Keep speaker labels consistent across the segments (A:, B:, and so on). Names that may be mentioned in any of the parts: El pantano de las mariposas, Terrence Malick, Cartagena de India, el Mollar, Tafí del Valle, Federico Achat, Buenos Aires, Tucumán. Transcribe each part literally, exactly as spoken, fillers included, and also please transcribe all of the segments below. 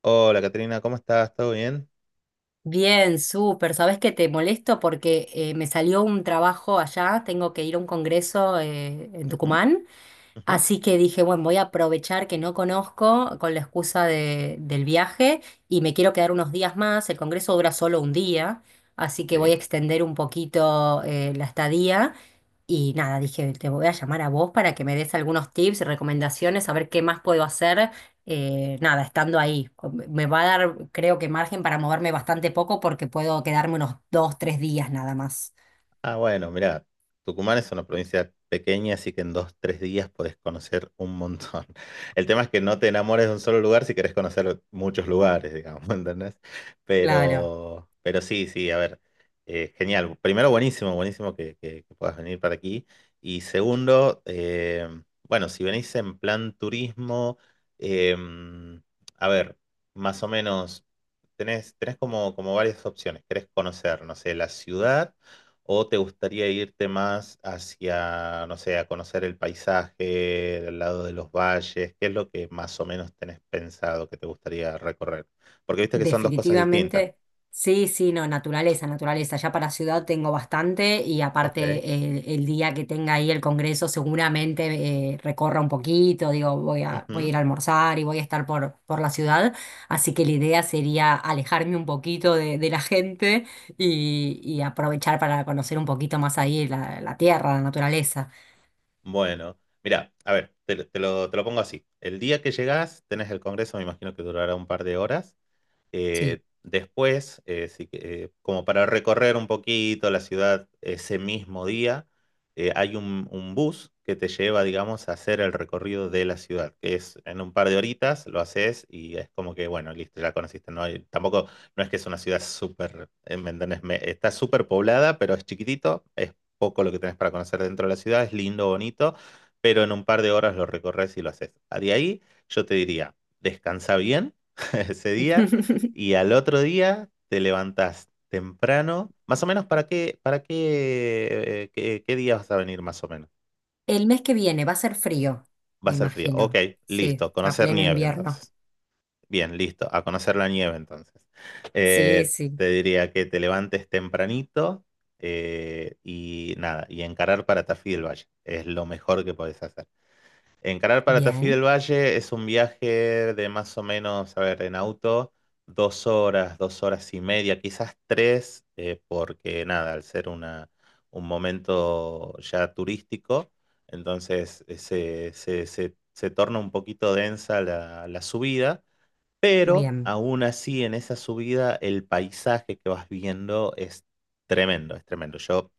A: Hola, Caterina, ¿cómo estás? ¿Todo bien?
B: Bien, súper. Sabes que te molesto porque eh, me salió un trabajo allá, tengo que ir a un congreso eh, en
A: Ujú,
B: Tucumán.
A: ujú,
B: Así que dije, bueno, voy a aprovechar que no conozco con la excusa de- del viaje y me quiero quedar unos días más. El congreso dura solo un día, así que voy a
A: ok.
B: extender un poquito eh, la estadía. Y nada, dije, te voy a llamar a vos para que me des algunos tips, recomendaciones, a ver qué más puedo hacer, eh, nada, estando ahí. Me va a dar, creo que margen para moverme bastante poco porque puedo quedarme unos dos, tres días nada más.
A: Ah, bueno, mirá, Tucumán es una provincia pequeña, así que en dos, tres días podés conocer un montón. El tema es que no te enamores de un solo lugar si querés conocer muchos lugares, digamos, ¿entendés?
B: Claro.
A: Pero, pero sí, sí, a ver, eh, genial. Primero, buenísimo, buenísimo que, que- que puedas venir para aquí. Y segundo, eh, bueno, si venís en plan turismo, em, a ver, más o menos, tenés, tenés como, como varias opciones. ¿Querés conocer, no sé, la ciudad? ¿O te gustaría irte más hacia, no sé, a conocer el paisaje, el lado de los valles? ¿Qué es lo que más o menos tenés pensado que te gustaría recorrer? Porque viste que son dos cosas distintas.
B: Definitivamente, sí, sí, no, naturaleza, naturaleza. Ya para ciudad tengo bastante y
A: Ok.
B: aparte el, el día que tenga ahí el congreso seguramente eh, recorra un poquito, digo, voy a, voy a
A: Ujú.
B: ir a almorzar y voy a estar por, por la ciudad, así que la idea sería alejarme un poquito de, de la gente y, y aprovechar para conocer un poquito más ahí la, la tierra, la naturaleza.
A: Bueno, mira, a ver, te, lo, te lo te lo pongo así. El día que llegás, tenés el congreso, me imagino que durará un par de horas.
B: Sí.
A: Eh, después, eh, si que- eh, como para recorrer un poquito la ciudad ese mismo día, eh, hay un, un bus que te lleva, digamos, a hacer el recorrido de la ciudad, que es en un par de horitas, lo haces y es como que, bueno, listo, ya conociste. No hay- tampoco, no es que es una ciudad súper, eh, ¿me entendés? Me- está súper poblada, pero es chiquitito, es poco lo que tenés para conocer dentro de la ciudad, es lindo, bonito, pero en un par de horas lo recorres y lo haces. De ahí, yo te diría, descansa bien ese día. Y al otro día te levantás temprano. Más o menos, ¿para qué, para qué, eh, qué, qué día vas a venir más o menos?
B: El mes que viene va a ser frío,
A: Va
B: me
A: a ser frío. Ok,
B: imagino. Sí,
A: listo.
B: a
A: Conocer
B: pleno
A: nieve
B: invierno.
A: entonces. Bien, listo. A conocer la nieve entonces.
B: Sí,
A: Eh,
B: sí.
A: te diría que te levantes tempranito, eh, y nada, y encarar para Tafí del Valle. Es lo mejor que podés hacer. Encarar para Tafí del
B: Bien,
A: Valle es un viaje de más o menos, a ver, en auto, dos horas, dos horas y media, quizás tres, eh, porque nada, al ser una, un momento ya turístico, entonces eh, se, se- se- se torna un poquito densa la, la subida, pero
B: bien.
A: aún así en esa subida el paisaje que vas viendo es tremendo, es tremendo. Yo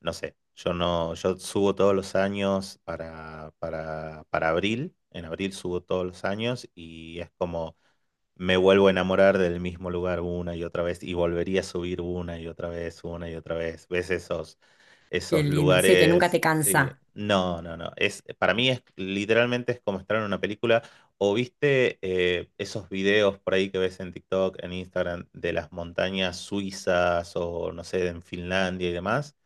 A: no sé, yo no, yo subo todos los años para, para, para abril, en abril subo todos los años y es como me vuelvo a enamorar del mismo lugar una y otra vez y volvería a subir una y otra vez, una y otra vez. ¿Ves esos,
B: Qué
A: esos
B: lindo. Sí, que nunca
A: lugares?
B: te
A: Sí.
B: cansa.
A: No, no, no. Es, para mí es literalmente es como estar en una película. ¿O viste eh, esos videos por ahí que ves en TikTok, en Instagram, de las montañas suizas o no sé, en Finlandia y demás?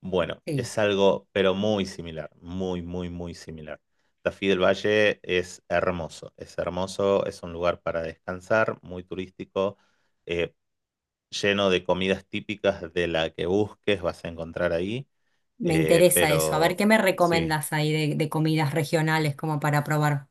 A: Bueno,
B: Sí,
A: es algo, pero muy similar, muy, muy, muy similar. Tafí del Valle es hermoso, es hermoso, es un lugar para descansar, muy turístico, eh, lleno de comidas típicas de la que busques, vas a encontrar ahí.
B: me
A: Eh,
B: interesa eso. A ver,
A: pero
B: ¿qué me
A: sí,
B: recomiendas ahí de, de comidas regionales como para probar?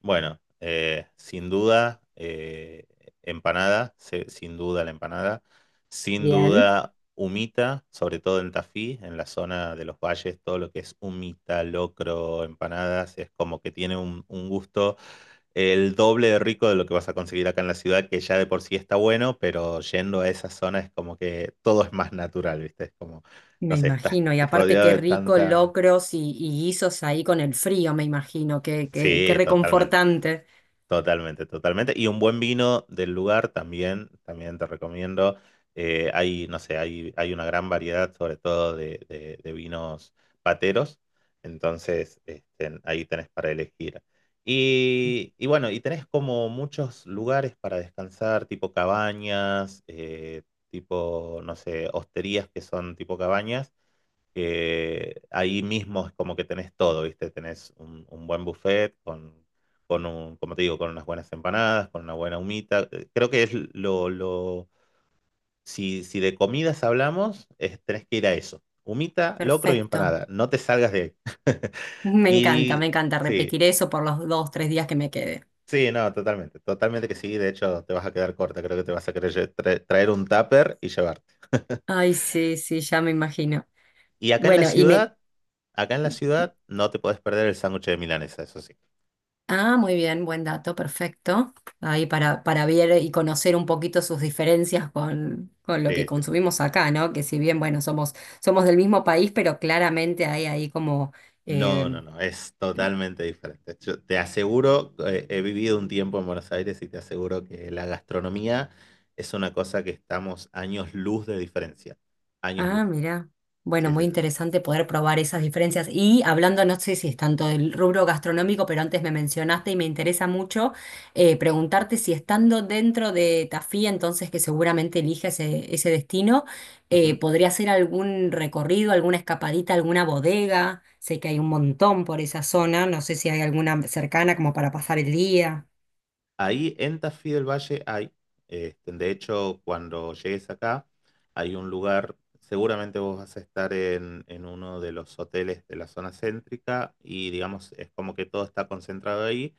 A: bueno, eh, sin duda, eh, empanada, se- sin duda la empanada, sin
B: Bien,
A: duda humita, sobre todo en Tafí, en la zona de los valles, todo lo que es humita, locro, empanadas, es como que tiene un, un, gusto el doble de rico de lo que vas a conseguir acá en la ciudad, que ya de por sí está bueno, pero yendo a esa zona es como que todo es más natural, ¿viste? Es como,
B: me
A: no sé, estás
B: imagino. Y aparte,
A: rodeado
B: qué
A: de
B: rico
A: tanta...
B: locros y, y guisos ahí con el frío, me imagino. Qué, qué, qué
A: Sí, totalmente.
B: reconfortante.
A: Totalmente, totalmente. Y un buen vino del lugar también, también te recomiendo. Eh, hay, no sé, hay, hay una gran variedad, sobre todo de, de- de vinos pateros. Entonces, este, ahí tenés para elegir. Y, y bueno, y tenés como muchos lugares para descansar, tipo cabañas, eh, tipo, no sé, hosterías que son tipo cabañas que ahí mismo es como que tenés todo, ¿viste? Tenés un, un buen buffet con, con un, como te digo, con unas buenas empanadas, con una buena humita. Eh, Creo que es lo, lo- si, si de comidas hablamos, es- tenés que ir a eso. Humita, locro y
B: Perfecto.
A: empanada. No te salgas de ahí.
B: Me encanta, me
A: Y
B: encanta
A: sí,
B: repetir eso por los dos, tres días que me quede.
A: sí, no, totalmente, totalmente que sí. De hecho, te vas a quedar corta. Creo que te vas a querer lle- tra- traer un tupper y llevarte.
B: Ay, sí, sí, ya me imagino.
A: Y acá en la
B: Bueno, y me
A: ciudad, acá en la ciudad, no te podés perder el sándwich de milanesa, eso sí.
B: Ah, muy bien, buen dato, perfecto. Ahí para, para ver y conocer un poquito sus diferencias con, con lo que
A: Sí, sí, sí,
B: consumimos acá, ¿no? Que si bien, bueno, somos, somos del mismo país, pero claramente hay ahí como
A: No,
B: eh,
A: no, no, es totalmente diferente. Yo te aseguro, eh, he vivido un tiempo en Buenos Aires y te aseguro que la gastronomía es una cosa que estamos años luz de diferencia. Años luz.
B: Ah, mira. Bueno,
A: Sí,
B: muy
A: sí, sí, sí.
B: interesante poder probar esas diferencias. Y hablando, no sé si es tanto del rubro gastronómico, pero antes me mencionaste y me interesa mucho eh, preguntarte si estando dentro de Tafí, entonces que seguramente elige ese, ese destino, eh,
A: Ujú.
B: ¿podría hacer algún recorrido, alguna escapadita, alguna bodega? Sé que hay un montón por esa zona, no sé si hay alguna cercana como para pasar el día.
A: Ahí en Tafí del Valle hay, este, de hecho, cuando llegues acá, hay un lugar, seguramente vos vas a estar en, en uno de los hoteles de la zona céntrica y digamos, es como que todo está concentrado ahí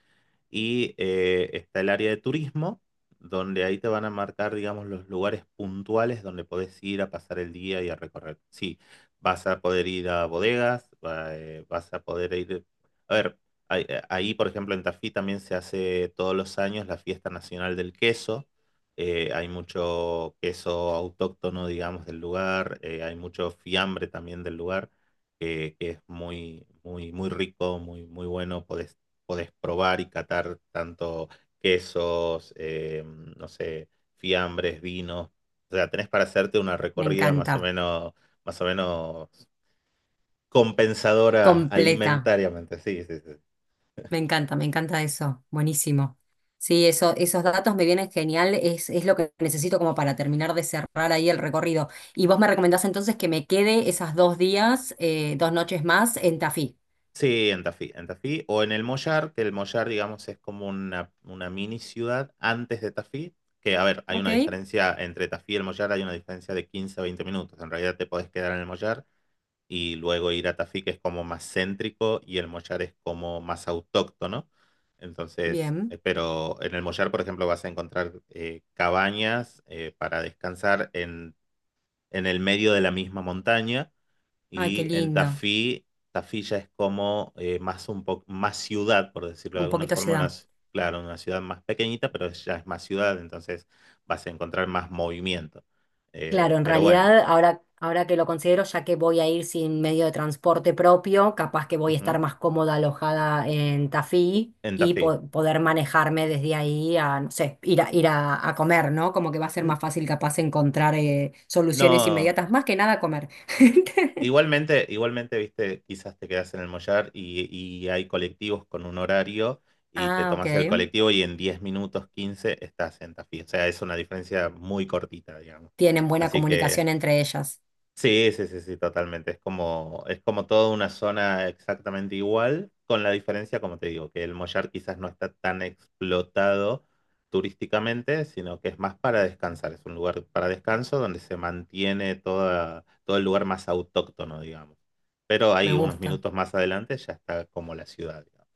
A: y eh, está el área de turismo, donde ahí te van a marcar, digamos, los lugares puntuales donde podés ir a pasar el día y a recorrer. Sí, vas a poder ir a bodegas, va- eh, vas a poder ir... A ver. Ahí, eh, ahí, por ejemplo, en Tafí también se hace todos los años la fiesta nacional del queso. Eh, hay mucho queso autóctono, digamos, del lugar. Eh, hay mucho fiambre también del lugar, que, que es muy, muy, muy rico, muy, muy bueno. Podés, podés probar y catar tanto quesos, eh, no sé, fiambres, vinos. O sea, tenés para hacerte una
B: Me
A: recorrida más o
B: encanta.
A: menos, más o menos compensadora
B: Completa.
A: alimentariamente. Sí, sí, sí.
B: Me encanta, me encanta eso. Buenísimo. Sí, eso, esos datos me vienen genial. Es, es lo que necesito como para terminar de cerrar ahí el recorrido. Y vos me recomendás entonces que me quede esas dos días, eh, dos noches más en Tafí.
A: Sí, en Tafí, en Tafí o en el Mollar, que el Mollar, digamos, es como una, una mini ciudad antes de Tafí, que a ver, hay
B: Ok,
A: una diferencia entre Tafí y el Mollar, hay una diferencia de quince a veinte minutos, en realidad te podés quedar en el Mollar y luego ir a Tafí, que es como más céntrico y el Mollar es como más autóctono, entonces,
B: bien.
A: eh, pero en el Mollar, por ejemplo, vas a encontrar eh, cabañas eh, para descansar en, en el medio de la misma montaña
B: Ay, qué
A: y en
B: lindo.
A: Tafí, Tafí ya es como eh, más un poco más ciudad, por decirlo de
B: Un
A: alguna
B: poquito
A: forma, una
B: ciudad.
A: ci- claro, una ciudad más pequeñita, pero ya es más ciudad, entonces vas a encontrar más movimiento. Eh,
B: Claro, en
A: pero bueno,
B: realidad, ahora, ahora que lo considero, ya que voy a ir sin medio de transporte propio, capaz que voy a
A: ujú.
B: estar más cómoda alojada en Tafí
A: En
B: y
A: Tafí.
B: po- poder manejarme desde ahí a, no sé, ir a, ir a, a comer, ¿no? Como que va a ser
A: N-
B: más fácil capaz encontrar eh, soluciones
A: No,
B: inmediatas, más que nada comer.
A: igualmente, igualmente, viste, quizás te quedas en el Mollar y, y hay colectivos con un horario y te
B: Ah, ok.
A: tomas el colectivo y en diez minutos, quince estás en Tafí. O sea, es una diferencia muy cortita, digamos.
B: Tienen buena
A: Así que
B: comunicación entre ellas.
A: sí, sí, sí, sí, totalmente. Es como, es como toda una zona exactamente igual, con la diferencia, como te digo, que el Mollar quizás no está tan explotado turísticamente, sino que es más para descansar. Es un lugar para descanso donde se mantiene toda, todo el lugar más autóctono, digamos. Pero
B: Me
A: ahí, unos
B: gusta.
A: minutos más adelante, ya está como la ciudad, digamos.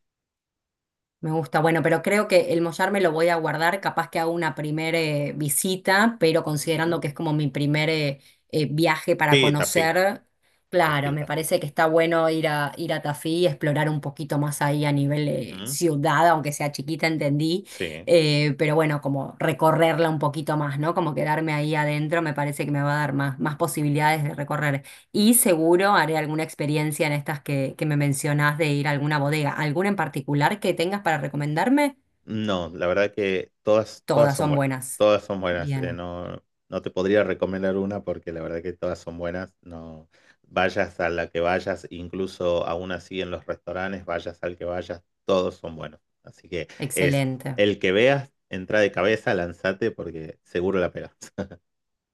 B: Me gusta, bueno, pero creo que el mollar me lo voy a guardar, capaz que hago una primera visita, pero
A: Ujú.
B: considerando que es como mi primer eh, eh, viaje para
A: Sí, Tafí,
B: conocer, claro,
A: Tafí,
B: me
A: Tafí.
B: parece que está bueno ir a, ir a Tafí y explorar un poquito más ahí a nivel eh,
A: Ujú.
B: ciudad, aunque sea chiquita, entendí,
A: Sí.
B: eh, pero bueno, como recorrerla un poquito más, ¿no? Como quedarme ahí adentro, me parece que me va a dar más, más posibilidades de recorrer. Y seguro haré alguna experiencia en estas que, que me mencionás de ir a alguna bodega. ¿Alguna en particular que tengas para recomendarme?
A: No, la verdad que todas, todas
B: Todas
A: son
B: son
A: buenas.
B: buenas.
A: Todas son buenas. Eh,
B: Bien,
A: no, no te podría recomendar una porque la verdad que todas son buenas. No, vayas a la que vayas, incluso aún así en los restaurantes, vayas al que vayas, todos son buenos. Así que es
B: excelente.
A: el que veas, entra de cabeza, lanzate porque seguro la pegas.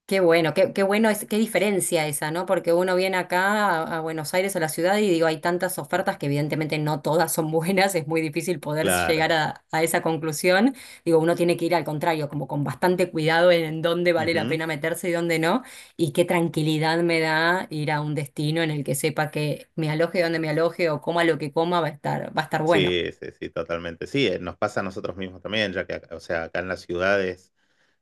B: Qué bueno, qué, qué bueno es, qué diferencia esa, ¿no? Porque uno viene acá a, a Buenos Aires o la ciudad y digo, hay tantas ofertas que evidentemente no todas son buenas, es muy difícil poder
A: Claro.
B: llegar a, a esa conclusión. Digo, uno tiene que ir al contrario, como con bastante cuidado en, en dónde vale la
A: Ujú.
B: pena meterse y dónde no. Y qué tranquilidad me da ir a un destino en el que sepa que me aloje donde me aloje o coma lo que coma, va a estar, va a estar bueno.
A: Sí, sí, sí, totalmente. Sí, eh, nos pasa a nosotros mismos también, ya que, acá- o sea, acá en las ciudades.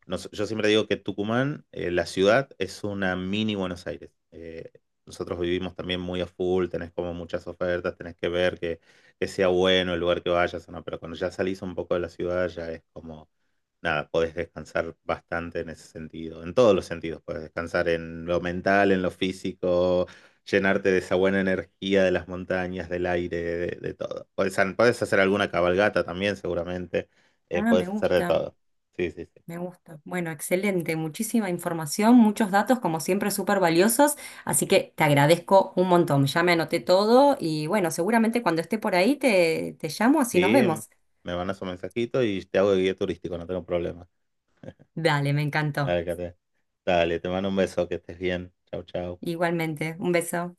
A: Nos- yo siempre digo que Tucumán, eh, la ciudad, es una mini Buenos Aires. Eh, nosotros vivimos también muy a full, tenés como muchas ofertas, tenés que ver que, que sea bueno el lugar que vayas o no, pero cuando ya salís un poco de la ciudad ya es como, nada, podés descansar bastante en ese sentido, en todos los sentidos, podés descansar en lo mental, en lo físico, llenarte de esa buena energía de las montañas, del aire, de, de todo. Podés, podés hacer alguna cabalgata también seguramente, eh,
B: Ah, me
A: podés hacer de
B: gusta.
A: todo. Sí, sí, sí.
B: Me gusta. Bueno, excelente. Muchísima información, muchos datos, como siempre, súper valiosos. Así que te agradezco un montón. Ya me anoté todo y bueno, seguramente cuando esté por ahí te, te llamo, así nos
A: Sí,
B: vemos.
A: me mandas un mensajito y te hago de guía turístico, no tengo problema.
B: Dale, me encantó.
A: Dale, Kate. Dale, te mando un beso, que estés bien. Chau, chau.
B: Igualmente, un beso.